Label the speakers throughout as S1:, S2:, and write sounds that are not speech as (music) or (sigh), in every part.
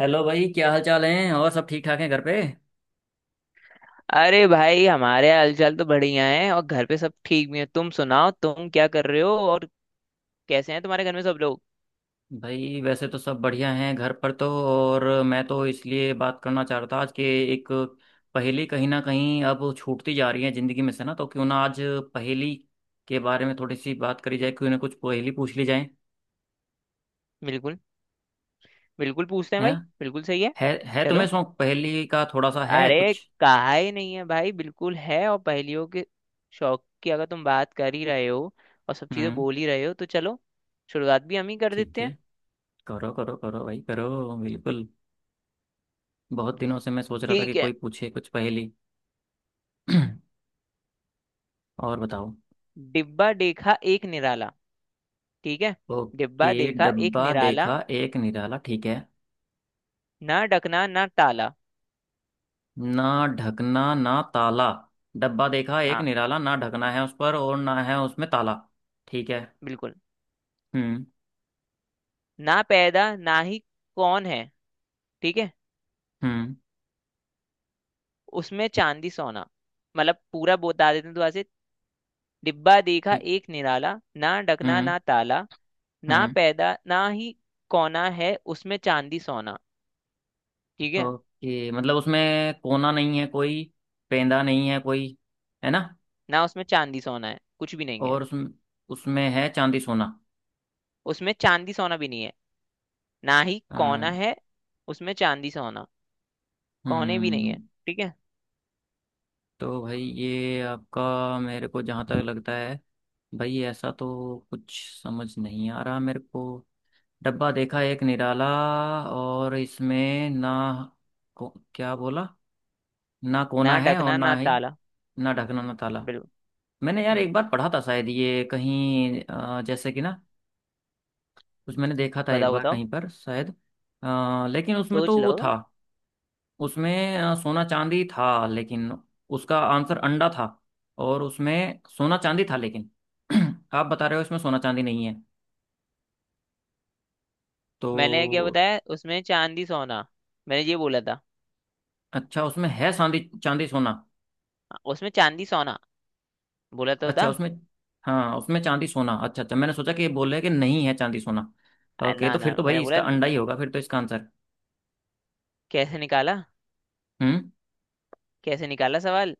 S1: Hello भाई, क्या हाल चाल है? और सब ठीक ठाक हैं घर पे?
S2: अरे भाई, हमारे हालचाल तो बढ़िया है और घर पे सब ठीक भी है। तुम सुनाओ, तुम क्या कर रहे हो और कैसे हैं तुम्हारे घर में सब लोग?
S1: भाई वैसे तो सब बढ़िया हैं घर पर तो। और मैं तो इसलिए बात करना चाह रहा था, आज के एक पहेली कहीं ना कहीं अब छूटती जा रही है ज़िंदगी में से ना, तो क्यों ना आज पहेली के बारे में थोड़ी सी बात करी जाए। क्यों ना कुछ पहेली पूछ ली जाए।
S2: बिल्कुल, बिल्कुल पूछते हैं
S1: है
S2: भाई,
S1: ना?
S2: बिल्कुल सही है।
S1: है तुम्हें
S2: चलो।
S1: शौक पहेली का थोड़ा सा है
S2: अरे,
S1: कुछ?
S2: कहा ही नहीं है भाई, बिल्कुल है। और पहेलियों के शौक की अगर तुम बात कर ही रहे हो और सब चीजें
S1: हम्म।
S2: बोल ही रहे हो, तो चलो शुरुआत भी हम ही कर
S1: ठीक
S2: देते
S1: है,
S2: हैं।
S1: करो करो करो भाई, करो बिल्कुल। बहुत दिनों से मैं सोच रहा था कि
S2: ठीक है।
S1: कोई पूछे कुछ पहेली। (clears throat) और बताओ।
S2: डिब्बा देखा एक निराला। ठीक है। डिब्बा
S1: ओके,
S2: देखा एक
S1: डब्बा
S2: निराला,
S1: देखा एक निराला, ठीक है।
S2: ना डकना ना टाला।
S1: ना ढकना ना ताला। डब्बा देखा एक
S2: हाँ,
S1: निराला, ना ढकना है उस पर और ना है उसमें ताला। ठीक है।
S2: बिल्कुल।
S1: हम्म।
S2: ना पैदा ना ही कौन है। ठीक है।
S1: हम्म।
S2: उसमें चांदी सोना। मतलब पूरा बता देते हैं दोबारा से। डिब्बा देखा
S1: ठीक।
S2: एक निराला, ना डकना
S1: हम्म।
S2: ना ताला, ना
S1: हम्म।
S2: पैदा ना ही कोना है, उसमें चांदी सोना। ठीक है।
S1: ओके, मतलब उसमें कोना नहीं है कोई, पेंदा नहीं है कोई, है ना?
S2: ना उसमें चांदी सोना है, कुछ भी नहीं है।
S1: और उसमें, उसमें है चांदी सोना।
S2: उसमें चांदी सोना भी नहीं है, ना ही
S1: अ,
S2: कोना है। उसमें चांदी सोना, कोने भी नहीं
S1: हम्म।
S2: है। ठीक है।
S1: तो भाई ये आपका, मेरे को जहाँ तक लगता है, भाई ऐसा तो कुछ समझ नहीं आ रहा मेरे को। डब्बा देखा एक निराला, और इसमें ना को, क्या बोला, ना
S2: ना
S1: कोना है और
S2: डकना
S1: ना
S2: ना
S1: ही,
S2: ताला।
S1: ना ढकना ना ताला।
S2: बिल्कुल।
S1: मैंने यार
S2: हम्म।
S1: एक बार पढ़ा था शायद ये कहीं, जैसे कि ना, कुछ मैंने देखा था एक
S2: बताओ
S1: बार
S2: बताओ,
S1: कहीं पर शायद। लेकिन उसमें
S2: सोच
S1: तो
S2: लो।
S1: वो था, उसमें सोना चांदी था, लेकिन उसका आंसर अंडा था। और उसमें सोना चांदी था लेकिन, (clears throat) आप बता रहे हो इसमें सोना चांदी नहीं है
S2: मैंने क्या
S1: तो।
S2: बताया, उसमें चांदी सोना, मैंने ये बोला था।
S1: अच्छा, उसमें है चांदी चांदी सोना।
S2: उसमें चांदी सोना बोला तो
S1: अच्छा
S2: था।
S1: उसमें, हाँ, उसमें चांदी सोना। अच्छा अच्छा, मैंने सोचा कि ये बोल रहे हैं कि नहीं है चांदी सोना। ओके,
S2: ना
S1: तो
S2: ना,
S1: फिर तो
S2: मैंने
S1: भाई
S2: बोला।
S1: इसका अंडा ही होगा फिर तो, इसका आंसर।
S2: कैसे निकाला?
S1: हम्म।
S2: कैसे निकाला सवाल?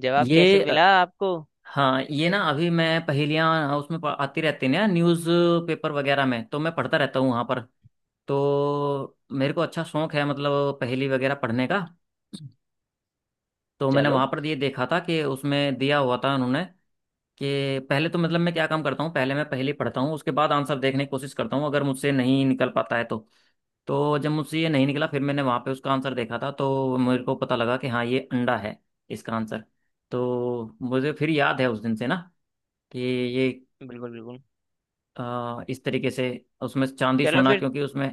S2: जवाब
S1: ये
S2: कैसे मिला आपको?
S1: हाँ, ये ना, अभी मैं पहेलियाँ उसमें आती रहती हैं ना न्यूज़ पेपर वगैरह में, तो मैं पढ़ता रहता हूँ वहाँ पर। तो मेरे को अच्छा शौक है मतलब पहेली वगैरह पढ़ने का। तो मैंने
S2: चलो।
S1: वहां पर ये देखा था कि उसमें दिया हुआ था उन्होंने, कि पहले तो मतलब मैं क्या काम करता हूँ, पहले मैं पहेली पढ़ता हूँ, उसके बाद आंसर देखने की कोशिश करता हूँ, अगर मुझसे नहीं निकल पाता है तो। तो जब मुझसे ये नहीं निकला, फिर मैंने वहां पे उसका आंसर देखा था, तो मेरे को पता लगा कि हाँ, ये अंडा है इसका आंसर। तो मुझे फिर याद है उस दिन से ना, कि ये
S2: बिल्कुल बिल्कुल।
S1: इस तरीके से उसमें चांदी
S2: चलो
S1: सोना,
S2: फिर।
S1: क्योंकि उसमें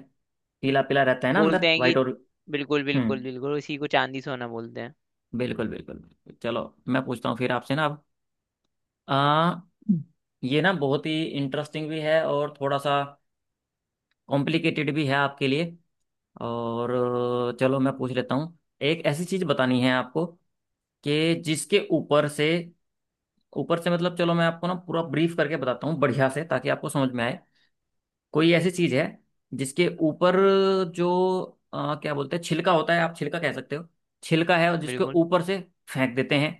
S1: पीला पीला रहता है ना अंदर,
S2: बोलते हैं कि
S1: वाइट और।
S2: बिल्कुल बिल्कुल
S1: हम्म।
S2: बिल्कुल, इसी को चांदी सोना बोलते हैं।
S1: बिल्कुल बिल्कुल। चलो मैं पूछता हूँ फिर आपसे ना अब। आ, ये ना बहुत ही इंटरेस्टिंग भी है और थोड़ा सा कॉम्प्लिकेटेड भी है आपके लिए। और चलो मैं पूछ लेता हूँ। एक ऐसी चीज बतानी है आपको कि जिसके ऊपर से, ऊपर से मतलब, चलो मैं आपको ना पूरा ब्रीफ करके बताता हूँ बढ़िया से, ताकि आपको समझ में आए। कोई ऐसी चीज है जिसके ऊपर जो क्या बोलते हैं, छिलका होता है, आप छिलका कह सकते हो। छिलका है और जिसके
S2: बिल्कुल।
S1: ऊपर से फेंक देते हैं,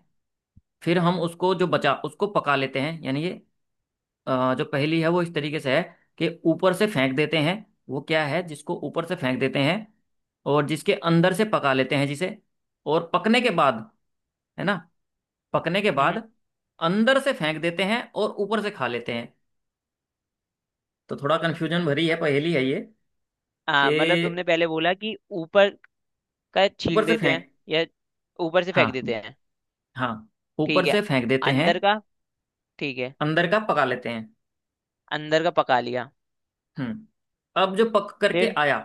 S1: फिर हम उसको जो बचा उसको पका लेते हैं। यानी ये जो पहेली है वो इस तरीके से है कि ऊपर से फेंक देते हैं, वो क्या है जिसको ऊपर से फेंक देते हैं और जिसके अंदर से पका लेते हैं जिसे। और पकने के बाद, है ना, पकने के
S2: हम्म।
S1: बाद अंदर से फेंक देते हैं और ऊपर से खा लेते हैं। तो थोड़ा कन्फ्यूजन भरी है पहेली है ये।
S2: हाँ, मतलब तुमने
S1: कि
S2: पहले बोला कि ऊपर का छील
S1: ऊपर से
S2: देते हैं
S1: फेंक,
S2: या ऊपर से फेंक
S1: हाँ
S2: देते हैं।
S1: हाँ, ऊपर
S2: ठीक है,
S1: से फेंक देते हैं,
S2: अंदर का। ठीक है,
S1: अंदर का पका लेते हैं।
S2: अंदर का पका लिया।
S1: हम्म। अब जो पक करके
S2: फिर
S1: आया,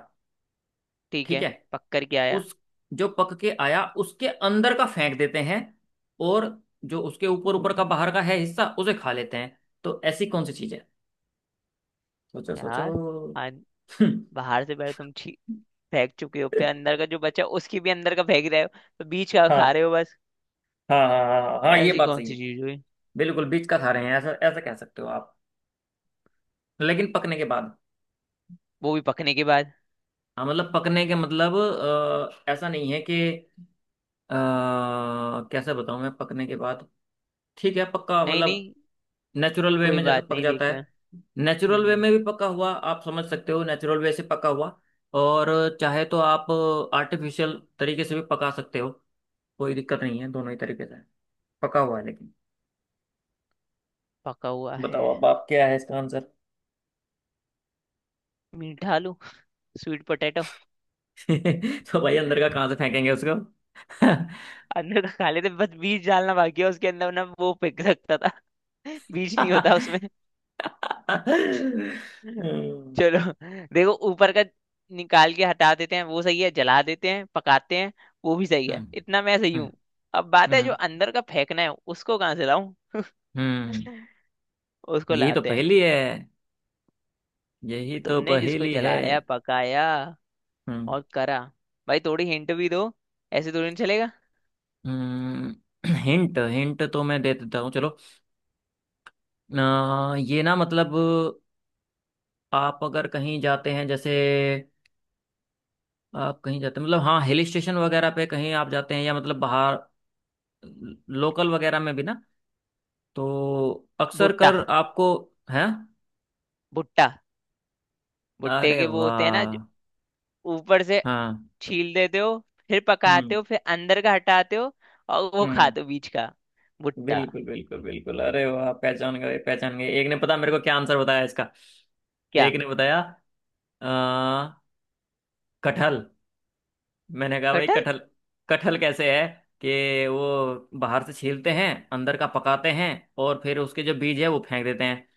S2: ठीक
S1: ठीक
S2: है,
S1: है,
S2: पक कर के आया।
S1: उस, जो पक के आया उसके अंदर का फेंक देते हैं, और जो उसके ऊपर ऊपर का बाहर का है हिस्सा, उसे खा लेते हैं। तो ऐसी कौन सी चीज है? सोचो सोचो।
S2: यार, आज
S1: (laughs)
S2: बाहर से पहले तुम छी फेंक चुके हो, फिर अंदर का जो बचा उसकी भी अंदर का फेंक रहे हो, तो बीच का खा
S1: हाँ
S2: रहे हो बस।
S1: हाँ हाँ हाँ हाँ, ये
S2: ऐसी
S1: बात
S2: कौन
S1: सही है।
S2: सी चीज हुई?
S1: बिल्कुल बीच का खा रहे हैं, ऐसा ऐसा कह सकते हो आप। लेकिन पकने के बाद।
S2: वो भी पकने के बाद।
S1: हाँ मतलब पकने के मतलब, ऐसा नहीं है कि, अ, कैसे बताऊं मैं, पकने के बाद ठीक है पक्का
S2: नहीं नहीं,
S1: मतलब, नेचुरल वे
S2: कोई
S1: में जैसा
S2: बात
S1: पक
S2: नहीं,
S1: जाता
S2: देखते हैं।
S1: है। नेचुरल वे
S2: हम्म।
S1: में भी पका हुआ आप समझ सकते हो, नेचुरल वे से पका हुआ। और चाहे तो आप आर्टिफिशियल तरीके से भी पका सकते हो, कोई दिक्कत नहीं है, दोनों ही तरीके से पका हुआ है लेकिन।
S2: पका हुआ है।
S1: बताओ अब आप, क्या है इसका आंसर?
S2: मीठा आलू, स्वीट पोटैटो।
S1: (laughs) तो भाई अंदर का कहाँ से फेंकेंगे उसको?
S2: अंदर का खा लेते, बस बीज डालना बाकी है उसके अंदर ना, वो फेंक सकता था। (laughs) बीज नहीं
S1: (laughs)
S2: होता
S1: हम्म।
S2: उसमें। चलो। देखो, ऊपर का निकाल के हटा देते हैं वो सही है, जला देते हैं पकाते हैं वो भी सही है,
S1: हम्म।
S2: इतना मैं सही हूँ।
S1: हम्म।
S2: अब बात है जो
S1: हम्म।
S2: अंदर का फेंकना है, उसको कहाँ से लाऊं?
S1: हम्म,
S2: उसको
S1: यही तो
S2: लाते हैं।
S1: पहेली है, यही तो
S2: तुमने जिसको
S1: पहेली है।
S2: जलाया पकाया
S1: हम्म।
S2: और करा। भाई थोड़ी हिंट भी दो, ऐसे थोड़ी नहीं चलेगा।
S1: हिंट हिंट, (clears throat) तो मैं दे देता हूँ चलो। ये ना मतलब, आप अगर कहीं जाते हैं जैसे, आप कहीं जाते हैं मतलब, हाँ, हिल स्टेशन वगैरह पे कहीं आप जाते हैं या मतलब बाहर लोकल वगैरह में भी ना, तो अक्सर
S2: भुट्टा।
S1: कर आपको है।
S2: भुट्टा। भुट्टे
S1: अरे
S2: के वो होते हैं ना,
S1: वाह!
S2: जो ऊपर से
S1: हाँ।
S2: छील देते हो, फिर पकाते
S1: हम्म।
S2: हो, फिर अंदर का हटाते हो और वो
S1: हम्म।
S2: खाते हो बीच का। भुट्टा।
S1: बिल्कुल बिल्कुल बिल्कुल, अरे वाह, पहचान गए पहचान गए। एक ने पता मेरे को क्या आंसर बताया इसका,
S2: क्या?
S1: एक ने बताया, आ, कटहल। मैंने कहा भाई
S2: कटहल?
S1: कटहल? कटहल कैसे है? कि वो बाहर से छीलते हैं, अंदर का पकाते हैं, और फिर उसके जो बीज है वो फेंक देते हैं।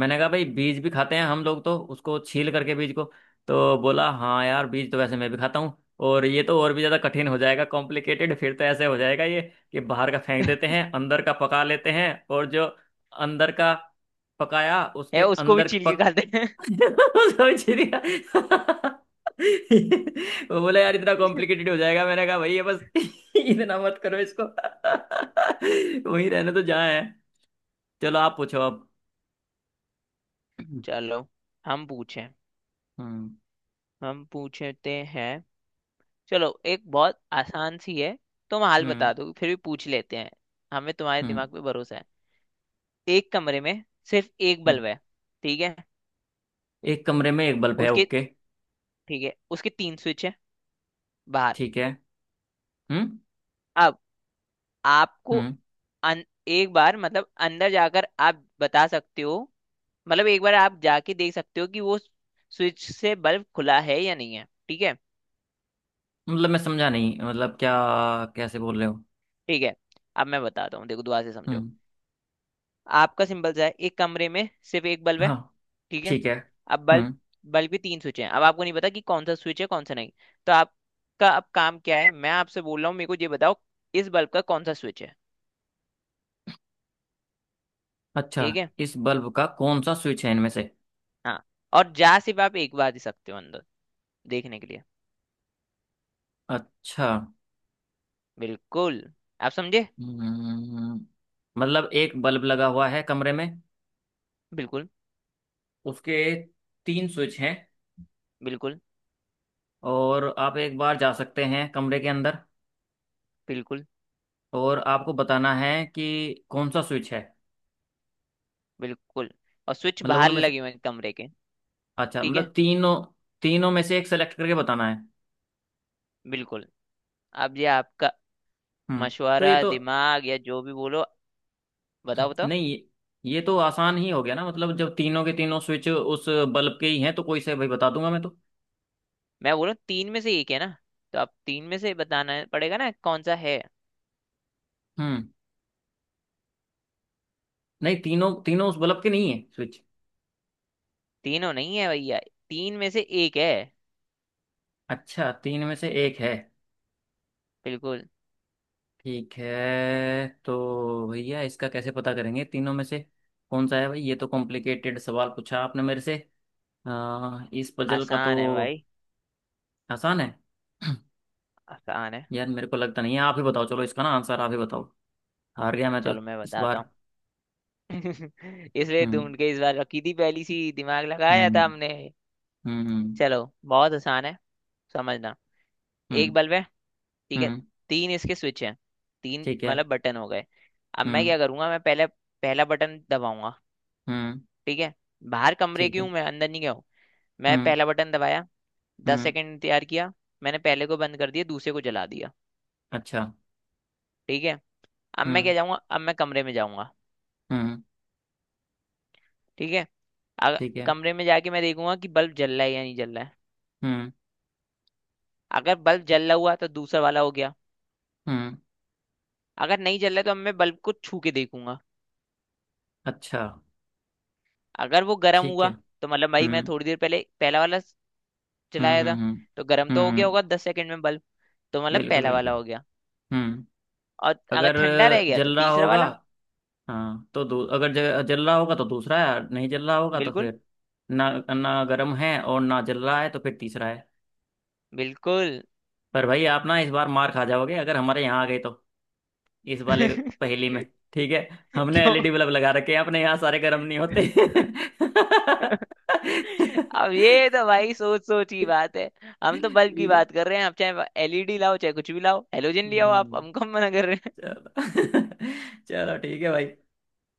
S1: मैंने कहा भाई बीज भी खाते हैं हम लोग तो उसको छील करके, बीज को। तो बोला हाँ यार, बीज तो वैसे मैं भी खाता हूँ। और ये तो और भी ज़्यादा कठिन हो जाएगा, कॉम्प्लिकेटेड फिर तो, ऐसे हो जाएगा ये, कि बाहर का फेंक देते हैं, अंदर का पका लेते हैं, और जो अंदर का पकाया
S2: है
S1: उसके
S2: उसको भी
S1: अंदर
S2: छील के
S1: पक,
S2: खाते हैं।
S1: (laughs) समझ लिया। (laughs) वो बोला यार इतना कॉम्प्लिकेटेड हो जाएगा, मैंने कहा भैया बस (laughs) इतना मत करो इसको। (laughs) वहीं रहने तो जहाँ है। चलो आप पूछो अब।
S2: (laughs)
S1: (clears throat)
S2: चलो। हम पूछें?
S1: हम्म।
S2: हम पूछते हैं। चलो, एक बहुत आसान सी है। तुम हाल
S1: हम्म।
S2: बता दो फिर भी पूछ लेते हैं, हमें तुम्हारे
S1: हम्म।
S2: दिमाग पे भरोसा है। एक कमरे में सिर्फ एक
S1: हम्म।
S2: बल्ब है। ठीक है।
S1: एक कमरे में एक बल्ब है,
S2: उसके।
S1: ओके।
S2: ठीक है, उसके तीन स्विच है बाहर।
S1: ठीक है। हम्म।
S2: अब आपको,
S1: हम्म।
S2: एक बार मतलब अंदर जाकर आप बता सकते हो, मतलब एक बार आप जाके देख सकते हो कि वो स्विच से बल्ब खुला है या नहीं है। ठीक है।
S1: मतलब मैं समझा नहीं, मतलब क्या, कैसे बोल रहे हो?
S2: ठीक है, अब मैं बताता हूँ, देखो दुआ से समझो।
S1: हम्म।
S2: आपका सिंपल सा है, एक कमरे में सिर्फ एक बल्ब है।
S1: हाँ।
S2: ठीक है।
S1: ठीक है।
S2: अब बल्ब,
S1: हम्म।
S2: बल्ब भी तीन स्विच हैं। अब आपको नहीं पता कि कौन सा स्विच है कौन सा नहीं। तो आपका अब काम क्या है, मैं आपसे बोल रहा हूँ मेरे को ये बताओ, इस बल्ब का कौन सा स्विच है।
S1: अच्छा,
S2: ठीक है।
S1: इस बल्ब का कौन सा स्विच है इनमें से?
S2: हाँ। और जा सिर्फ आप एक बार ही सकते हो अंदर देखने के लिए।
S1: अच्छा।
S2: बिल्कुल। आप समझे?
S1: हम्म, मतलब एक बल्ब लगा हुआ है कमरे में,
S2: बिल्कुल
S1: उसके तीन स्विच हैं,
S2: बिल्कुल
S1: और आप एक बार जा सकते हैं कमरे के अंदर,
S2: बिल्कुल।
S1: और आपको बताना है कि कौन सा स्विच है।
S2: बिल्कुल, और स्विच
S1: मतलब
S2: बाहर
S1: उनमें से,
S2: लगे हुए हैं कमरे के।
S1: अच्छा
S2: ठीक है।
S1: मतलब तीनों, तीनों में से एक सेलेक्ट करके बताना है।
S2: बिल्कुल। अब ये आपका
S1: हम्म। तो ये
S2: मशवरा,
S1: तो,
S2: दिमाग, या जो भी बोलो। बताओ बताओ।
S1: नहीं ये, ये तो आसान ही हो गया ना। मतलब जब तीनों के तीनों स्विच उस बल्ब के ही हैं, तो कोई से भाई बता दूंगा मैं तो।
S2: मैं बोलूँ तीन में से एक है ना, तो आप तीन में से बताना पड़ेगा ना कौन सा है।
S1: हम्म। नहीं, तीनों तीनों उस बल्ब के नहीं है स्विच?
S2: तीनों नहीं है भैया, तीन में से एक है।
S1: अच्छा, तीन में से एक है।
S2: बिल्कुल।
S1: ठीक है, तो भैया इसका कैसे पता करेंगे तीनों में से कौन सा है भाई? ये तो कॉम्प्लिकेटेड सवाल पूछा आपने मेरे से, इस पजल का तो।
S2: आसान है भाई।
S1: आसान है? (clears throat)
S2: आसान है।
S1: यार मेरे को लगता नहीं है, आप ही बताओ, चलो इसका ना आंसर आप ही बताओ, हार गया मैं तो
S2: चलो मैं
S1: इस
S2: बताता
S1: बार।
S2: हूँ। (laughs) इसलिए
S1: हम्म।
S2: ढूंढ के इस बार रखी थी, पहली सी दिमाग लगाया था
S1: हम्म।
S2: हमने।
S1: हम्म।
S2: चलो। बहुत आसान है, समझना। एक
S1: हम्म।
S2: बल्ब है, ठीक है।
S1: हम्म।
S2: तीन इसके स्विच हैं, तीन
S1: ठीक है।
S2: मतलब बटन हो गए। अब मैं
S1: हम्म।
S2: क्या करूंगा, मैं पहले पहला बटन दबाऊंगा।
S1: हम्म।
S2: ठीक है। बाहर कमरे
S1: ठीक
S2: की
S1: है।
S2: हूं मैं, अंदर नहीं गया हूं। मैं
S1: हम्म।
S2: पहला बटन दबाया, दस
S1: हम्म।
S2: सेकंड इंतजार किया। मैंने पहले को बंद कर दिया, दूसरे को जला दिया।
S1: अच्छा।
S2: ठीक है। अब मैं क्या
S1: हम्म।
S2: जाऊंगा, अब मैं कमरे में जाऊंगा।
S1: हम्म।
S2: ठीक है। अगर
S1: ठीक है।
S2: कमरे में जाके मैं देखूंगा कि बल्ब जल रहा है या नहीं जल रहा है।
S1: हम्म।
S2: अगर बल्ब जल रहा हुआ तो दूसरा वाला हो गया।
S1: हम्म।
S2: अगर नहीं जल रहा है, तो अब मैं बल्ब को छू के देखूंगा।
S1: अच्छा।
S2: अगर वो गर्म
S1: ठीक
S2: हुआ,
S1: है।
S2: तो मतलब भाई मैं
S1: हम्म।
S2: थोड़ी देर पहले पहला वाला
S1: हम्म।
S2: चलाया
S1: हम्म।
S2: था,
S1: हम्म।
S2: तो गर्म तो हो गया
S1: हम्म,
S2: होगा 10 सेकंड में बल्ब, तो मतलब
S1: बिल्कुल
S2: पहला वाला
S1: बिल्कुल।
S2: हो गया।
S1: हम्म।
S2: और अगर
S1: अगर
S2: ठंडा रह गया तो
S1: जल रहा
S2: तीसरा
S1: होगा,
S2: वाला।
S1: हाँ तो अगर जल रहा होगा तो दूसरा है, और नहीं जल रहा होगा तो
S2: बिल्कुल
S1: फिर, ना ना गर्म है और ना जल रहा है, तो फिर तीसरा है।
S2: बिल्कुल।
S1: पर भाई आप ना इस बार मार खा जाओगे अगर हमारे यहाँ आ गए तो, इस वाले
S2: (laughs)
S1: पहेली में। ठीक है, हमने
S2: क्यों?
S1: एलईडी बल्ब लगा रखे हैं अपने यहाँ सारे, गर्म नहीं होते (laughs) ठीक
S2: (laughs) अब ये तो भाई सोच सोच की बात है। हम तो बल्ब की
S1: है।
S2: बात कर रहे हैं, आप चाहे एलईडी लाओ, चाहे कुछ भी लाओ, हेलोजन ले आओ, आप
S1: हम्म,
S2: हमको हम कम मना कर रहे हैं।
S1: चलो (laughs) चलो ठीक है भाई,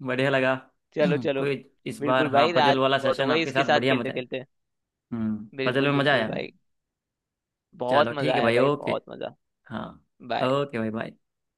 S1: बढ़िया लगा।
S2: (laughs) चलो
S1: (clears throat)
S2: चलो।
S1: कोई, इस बार
S2: बिल्कुल भाई,
S1: हाँ पजल
S2: रात
S1: वाला
S2: बहुत हो
S1: सेशन
S2: गई
S1: आपके
S2: इसके
S1: साथ
S2: साथ
S1: बढ़िया,
S2: खेलते
S1: मजा आया।
S2: खेलते।
S1: हम्म, पजल
S2: बिल्कुल
S1: में मजा
S2: बिल्कुल
S1: आया।
S2: भाई, बहुत
S1: चलो
S2: मजा
S1: ठीक है
S2: आया
S1: भाई,
S2: भाई,
S1: ओके।
S2: बहुत मजा।
S1: हाँ,
S2: बाय।
S1: ओके भाई, बाय।